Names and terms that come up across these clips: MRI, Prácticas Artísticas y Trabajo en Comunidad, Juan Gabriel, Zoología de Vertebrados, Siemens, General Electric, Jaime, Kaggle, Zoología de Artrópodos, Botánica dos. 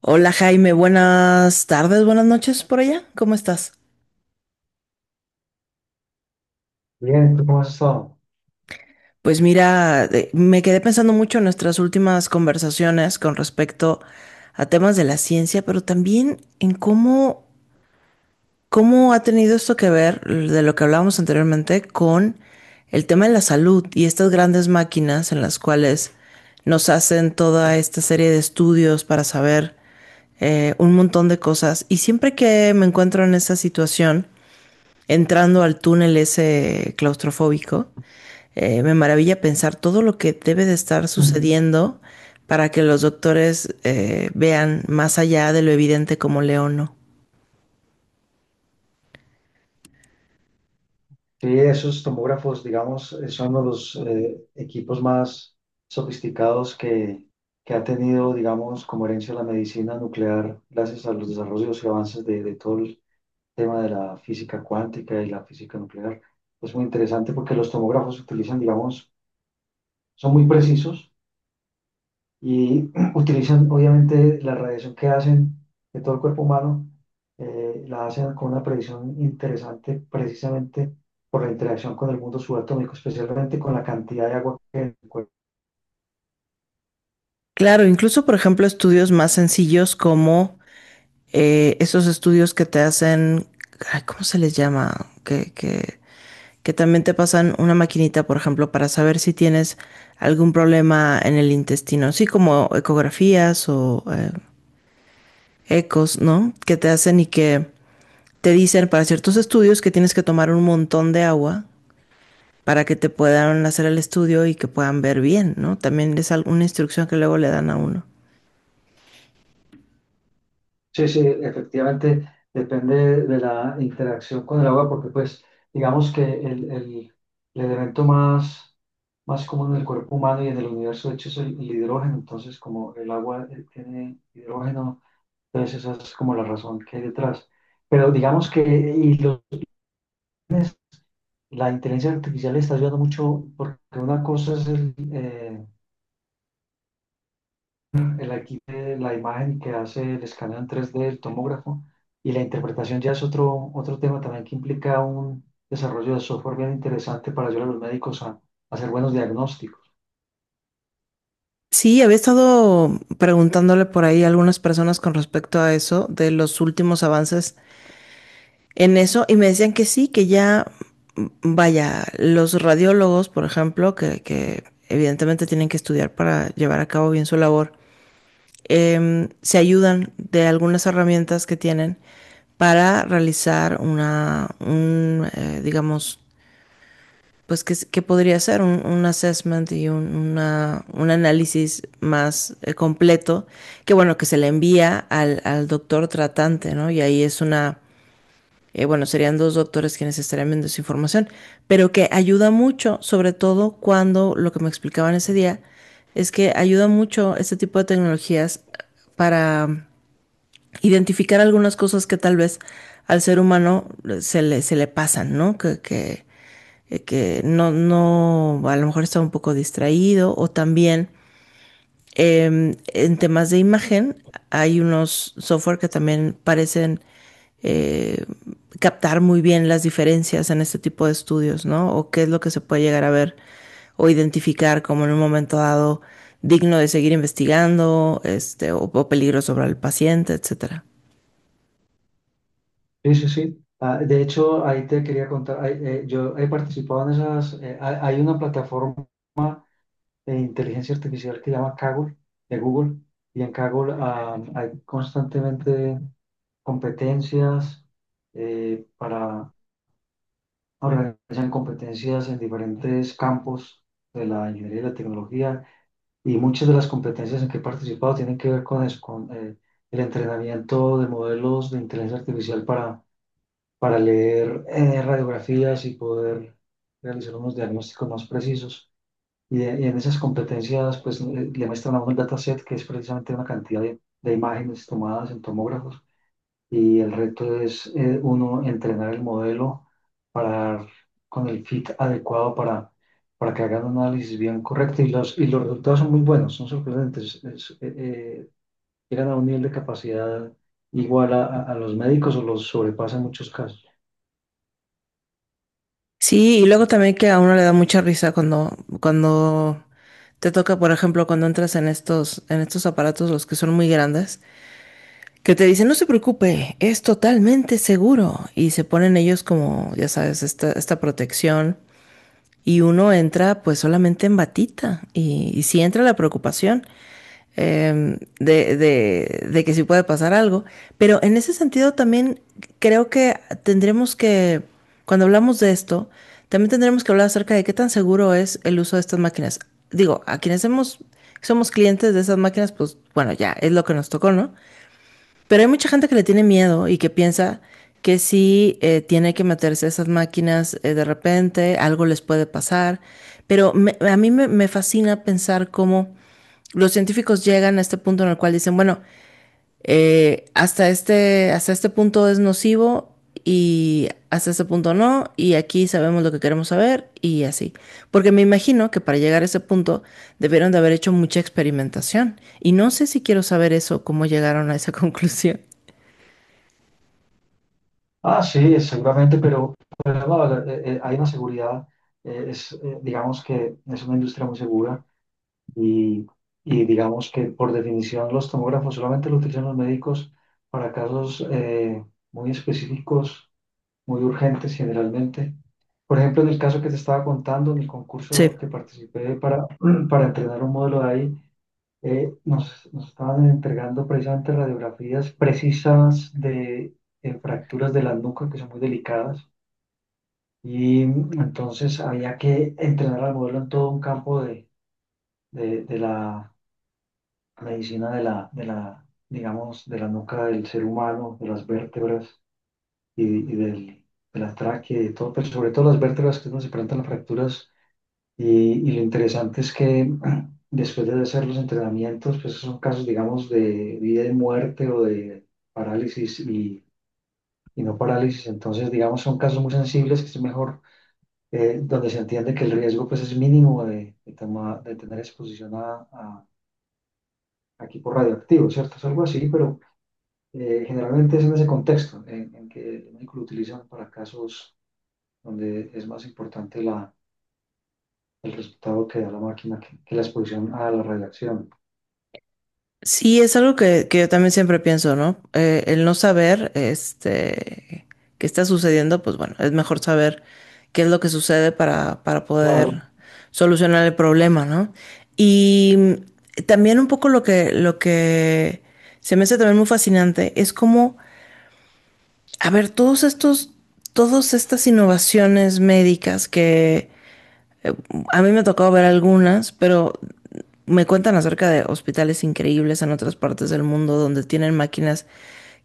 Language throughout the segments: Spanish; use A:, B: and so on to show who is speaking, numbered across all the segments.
A: Hola Jaime, buenas tardes, buenas noches por allá, ¿cómo estás?
B: Bien, ¿tú cómo has estado?
A: Pues mira, me quedé pensando mucho en nuestras últimas conversaciones con respecto a temas de la ciencia, pero también en cómo ha tenido esto que ver de lo que hablábamos anteriormente con el tema de la salud y estas grandes máquinas en las cuales nos hacen toda esta serie de estudios para saber un montón de cosas. Y siempre que me encuentro en esa situación, entrando al túnel ese claustrofóbico, me maravilla pensar todo lo que debe de estar sucediendo para que los doctores vean más allá de lo evidente como león no.
B: Sí, esos tomógrafos, digamos, son uno de los equipos más sofisticados que ha tenido, digamos, como herencia la medicina nuclear, gracias a los desarrollos y avances de todo el tema de la física cuántica y la física nuclear. Es muy interesante porque los tomógrafos se utilizan, digamos, son muy precisos. Y utilizan obviamente la radiación que hacen de todo el cuerpo humano, la hacen con una precisión interesante precisamente por la interacción con el mundo subatómico, especialmente con la cantidad de agua que hay en el cuerpo.
A: Claro, incluso por ejemplo estudios más sencillos como esos estudios que te hacen, ay, ¿cómo se les llama? Que, que, que también te pasan una maquinita, por ejemplo, para saber si tienes algún problema en el intestino, así como ecografías o ecos, ¿no? Que te hacen y que te dicen para ciertos estudios que tienes que tomar un montón de agua para que te puedan hacer el estudio y que puedan ver bien, ¿no? También es alguna instrucción que luego le dan a uno.
B: Sí, sí, efectivamente depende de la interacción con el agua porque pues digamos que el elemento más... más común en el cuerpo humano y en el universo, de hecho, es el hidrógeno. Entonces, como el agua tiene hidrógeno, entonces esa es como la razón que hay detrás. Pero digamos que la inteligencia artificial le está ayudando mucho porque una cosa es el aquí de la imagen que hace el escaneo en 3D, el tomógrafo, y la interpretación ya es otro tema también que implica un desarrollo de software bien interesante para ayudar a los médicos a hacer buenos diagnósticos.
A: Sí, había estado preguntándole por ahí a algunas personas con respecto a eso, de los últimos avances en eso, y me decían que sí, que ya, vaya, los radiólogos, por ejemplo, que evidentemente tienen que estudiar para llevar a cabo bien su labor, se ayudan de algunas herramientas que tienen para realizar digamos, pues podría ser un assessment y un análisis más completo, que bueno, que se le envía al doctor tratante, ¿no? Y ahí es una, bueno, serían dos doctores quienes estarían viendo esa información, pero que ayuda mucho, sobre todo cuando lo que me explicaban ese día, es que ayuda mucho este tipo de tecnologías para identificar algunas cosas que tal vez al ser humano se le pasan, ¿no? Que no, no, a lo mejor está un poco distraído o también en temas de imagen hay unos software que también parecen eh, captar muy bien las diferencias en este tipo de estudios, ¿no? O qué es lo que se puede llegar a ver o identificar como en un momento dado digno de seguir investigando, este, o peligro sobre el paciente, etcétera.
B: Sí, sí, sí. Ah, de hecho, ahí te quería contar, ahí, yo he participado en esas, hay una plataforma de inteligencia artificial que llama Kaggle, de Google, y en Kaggle hay constantemente competencias para organizar competencias en diferentes campos de la ingeniería y la tecnología, y muchas de las competencias en que he participado tienen que ver con eso, con el entrenamiento de modelos de inteligencia artificial para leer radiografías y poder realizar unos diagnósticos más precisos. Y en esas competencias, pues le muestran a uno el dataset, que es precisamente una cantidad de imágenes tomadas en tomógrafos. Y el reto es uno entrenar el modelo para dar con el fit adecuado para que hagan un análisis bien correcto. Y y los resultados son muy buenos, son sorprendentes. Llegan a un nivel de capacidad igual a los médicos o los sobrepasan en muchos casos.
A: Sí, y luego también que a uno le da mucha risa cuando te toca, por ejemplo, cuando entras en en estos aparatos, los que son muy grandes, que te dicen, no se preocupe, es totalmente seguro. Y se ponen ellos como, ya sabes, esta protección. Y uno entra pues solamente en batita. Y sí entra la preocupación que sí puede pasar algo. Pero en ese sentido también creo que tendremos que, cuando hablamos de esto, también tendremos que hablar acerca de qué tan seguro es el uso de estas máquinas. Digo, a quienes hemos, somos clientes de esas máquinas, pues bueno, ya es lo que nos tocó, ¿no? Pero hay mucha gente que le tiene miedo y que piensa que si tiene que meterse a esas máquinas de repente, algo les puede pasar. A mí me fascina pensar cómo los científicos llegan a este punto en el cual dicen, bueno, hasta este punto es nocivo y hasta este punto no, y aquí sabemos lo que queremos saber y así. Porque me imagino que para llegar a ese punto debieron de haber hecho mucha experimentación. Y no sé si quiero saber eso, cómo llegaron a esa conclusión.
B: Ah, sí, seguramente, pero no, hay una seguridad, digamos que es una industria muy segura y, y digamos que por definición los tomógrafos solamente lo utilizan los médicos para casos muy específicos, muy urgentes generalmente. Por ejemplo, en el caso que te estaba contando, en el concurso
A: Sí,
B: que participé para, para entrenar un modelo de ahí, nos estaban entregando precisamente radiografías precisas de fracturas de la nuca que son muy delicadas y entonces había que entrenar al modelo en todo un campo de la medicina de la, digamos, de la nuca del ser humano, de las vértebras y, y del, de la tráquea y de todo, pero sobre todo las vértebras que es donde se presentan las fracturas. Y lo interesante es que después de hacer los entrenamientos, pues son casos, digamos, de vida y muerte o de parálisis y no parálisis. Entonces, digamos, son casos muy sensibles que es mejor, donde se entiende que el riesgo pues es mínimo de tener exposición a equipos radioactivos, ¿cierto? Es algo así, pero generalmente es en ese contexto en que el médico lo utilizan para casos donde es más importante el resultado que da la máquina que la exposición a la radiación.
A: sí, es algo que yo también siempre pienso, ¿no? El no saber, este, qué está sucediendo, pues bueno, es mejor saber qué es lo que sucede para
B: Claro.
A: poder solucionar el problema, ¿no? Y también un poco lo que se me hace también muy fascinante es como, a ver, todas estas innovaciones médicas que, Eh, a mí me ha tocado ver algunas, pero me cuentan acerca de hospitales increíbles en otras partes del mundo donde tienen máquinas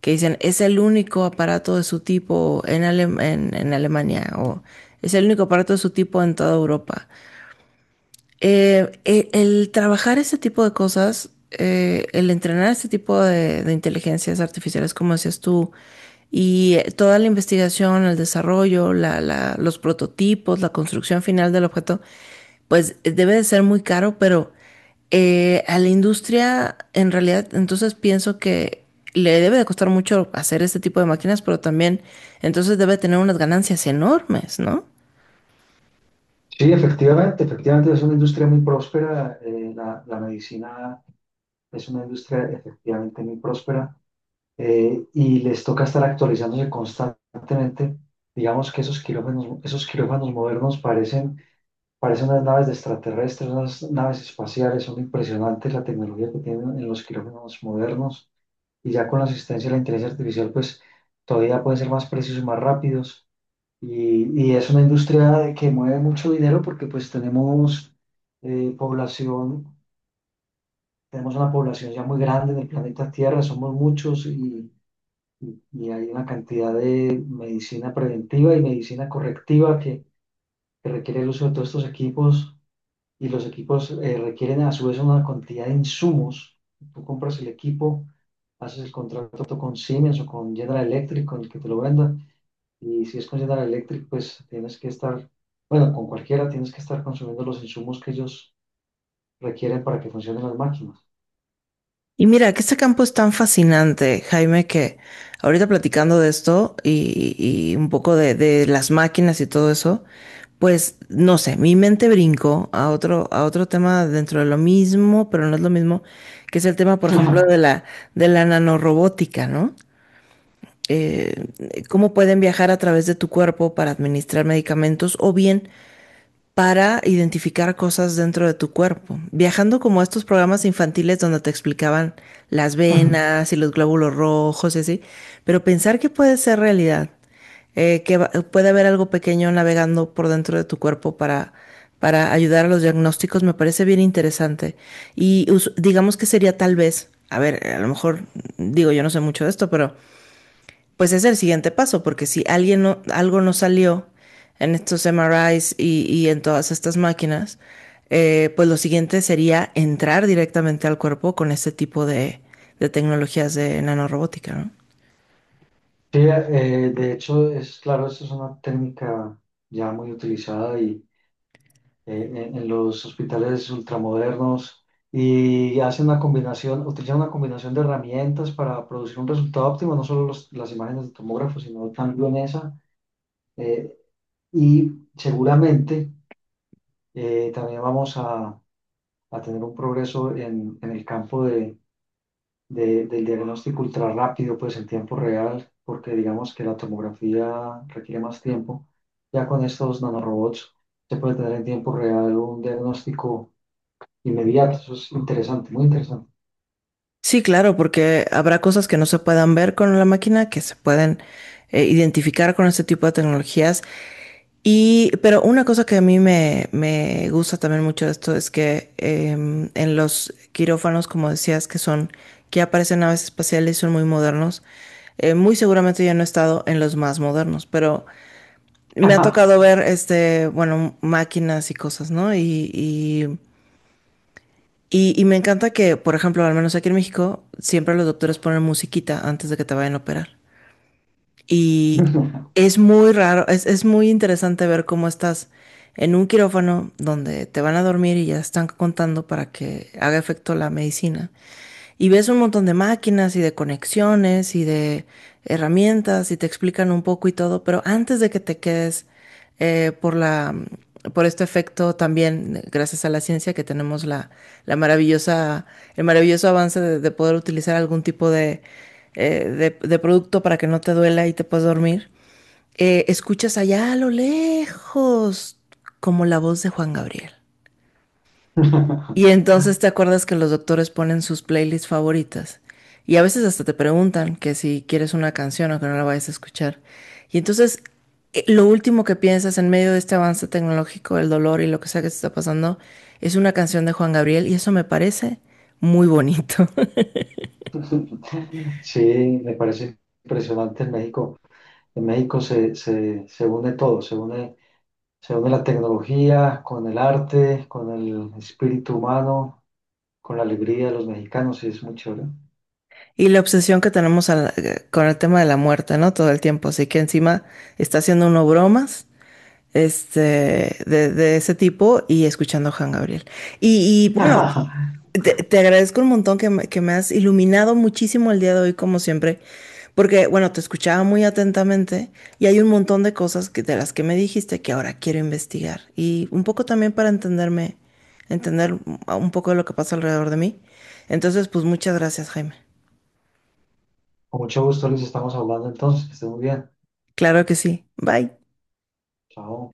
A: que dicen es el único aparato de su tipo en Alemania o es el único aparato de su tipo en toda Europa. El trabajar ese tipo de cosas, el entrenar este tipo de inteligencias artificiales, como decías tú, y toda la investigación, el desarrollo, los prototipos, la construcción final del objeto, pues debe de ser muy caro, pero a la industria, en realidad, entonces pienso que le debe de costar mucho hacer este tipo de máquinas, pero también entonces debe tener unas ganancias enormes, ¿no?
B: Sí, efectivamente, efectivamente es una industria muy próspera. La medicina es una industria efectivamente muy próspera, y les toca estar actualizándose constantemente. Digamos que esos quirófanos modernos parecen, parecen unas naves de extraterrestres, unas naves espaciales. Son impresionantes la tecnología que tienen en los quirófanos modernos y ya con la asistencia de la inteligencia artificial, pues todavía pueden ser más precisos y más rápidos. Y es una industria que mueve mucho dinero porque pues tenemos eh, población, tenemos una población ya muy grande en el planeta Tierra, somos muchos y hay una cantidad de medicina preventiva y medicina correctiva que requiere el uso de todos estos equipos y los equipos requieren a su vez una cantidad de insumos. Tú compras el equipo, haces el contrato con Siemens o con General Electric, con el que te lo venda y si es con General Electric, pues tienes que estar, bueno, con cualquiera tienes que estar consumiendo los insumos que ellos requieren para que funcionen las máquinas.
A: Y mira, que este campo es tan fascinante, Jaime, que ahorita platicando de esto y un poco de las máquinas y todo eso, pues no sé, mi mente brincó a a otro tema dentro de lo mismo, pero no es lo mismo, que es el tema, por ejemplo, de la nanorobótica, ¿no? Eh, Cómo pueden viajar a través de tu cuerpo para administrar medicamentos o bien para identificar cosas dentro de tu cuerpo. Viajando como a estos programas infantiles donde te explicaban las venas y los glóbulos rojos y así, pero pensar que puede ser realidad, puede haber algo pequeño navegando por dentro de tu cuerpo para ayudar a los diagnósticos, me parece bien interesante. Digamos que sería tal vez, a ver, a lo mejor digo, yo no sé mucho de esto, pero pues es el siguiente paso, porque si alguien no, algo no salió en estos MRIs y en todas estas máquinas, pues lo siguiente sería entrar directamente al cuerpo con este tipo de tecnologías de nanorobótica, ¿no?
B: Sí, de hecho, es claro, eso es una técnica ya muy utilizada y eh, en los hospitales ultramodernos y hacen una combinación, utilizan una combinación de herramientas para producir un resultado óptimo, no solo las imágenes de tomógrafo, sino también esa. eh, y seguramente también vamos a tener un progreso en el campo del diagnóstico ultra rápido, pues en tiempo real, porque digamos que la tomografía requiere más tiempo. Ya con estos nanorobots se puede tener en tiempo real un diagnóstico inmediato. Eso es interesante, muy interesante.
A: Sí, claro, porque habrá cosas que no se puedan ver con la máquina, que se pueden identificar con este tipo de tecnologías. Y, pero una cosa que a mí me gusta también mucho de esto es que en los quirófanos, como decías, que son, que aparecen naves espaciales y son muy modernos, muy seguramente yo no he estado en los más modernos, pero me ha tocado ver, este, bueno, máquinas y cosas, ¿no? Y me encanta que, por ejemplo, al menos aquí en México, siempre los doctores ponen musiquita antes de que te vayan a operar. Y es muy raro, es muy interesante ver cómo estás en un quirófano donde te van a dormir y ya están contando para que haga efecto la medicina. Y ves un montón de máquinas y de conexiones y de herramientas y te explican un poco y todo, pero antes de que te quedes eh, por la, por este efecto también, gracias a la ciencia que tenemos la maravillosa, el maravilloso avance de poder utilizar algún tipo de, eh, de producto para que no te duela y te puedas dormir, escuchas allá a lo lejos como la voz de Juan Gabriel. Y entonces te acuerdas que los doctores ponen sus playlists favoritas. Y a veces hasta te preguntan que si quieres una canción o que no la vayas a escuchar. Y entonces lo último que piensas en medio de este avance tecnológico, el dolor y lo que sea que te está pasando, es una canción de Juan Gabriel y eso me parece muy bonito.
B: Sí, me parece impresionante en México. En México se une todo, se une la tecnología con el arte, con el espíritu humano, con la alegría de los mexicanos y es muy chévere.
A: Y la obsesión que tenemos con el tema de la muerte, ¿no? Todo el tiempo. Así que encima está haciendo uno bromas este, de ese tipo y escuchando a Juan Gabriel. Y bueno, te agradezco un montón que me has iluminado muchísimo el día de hoy, como siempre, porque bueno, te escuchaba muy atentamente y hay un montón de cosas que, de las que me dijiste que ahora quiero investigar y un poco también para entenderme, entender un poco de lo que pasa alrededor de mí. Entonces, pues muchas gracias, Jaime.
B: Con mucho gusto, Luis, estamos hablando entonces, que esté muy bien.
A: Claro que sí. Bye.
B: Chao.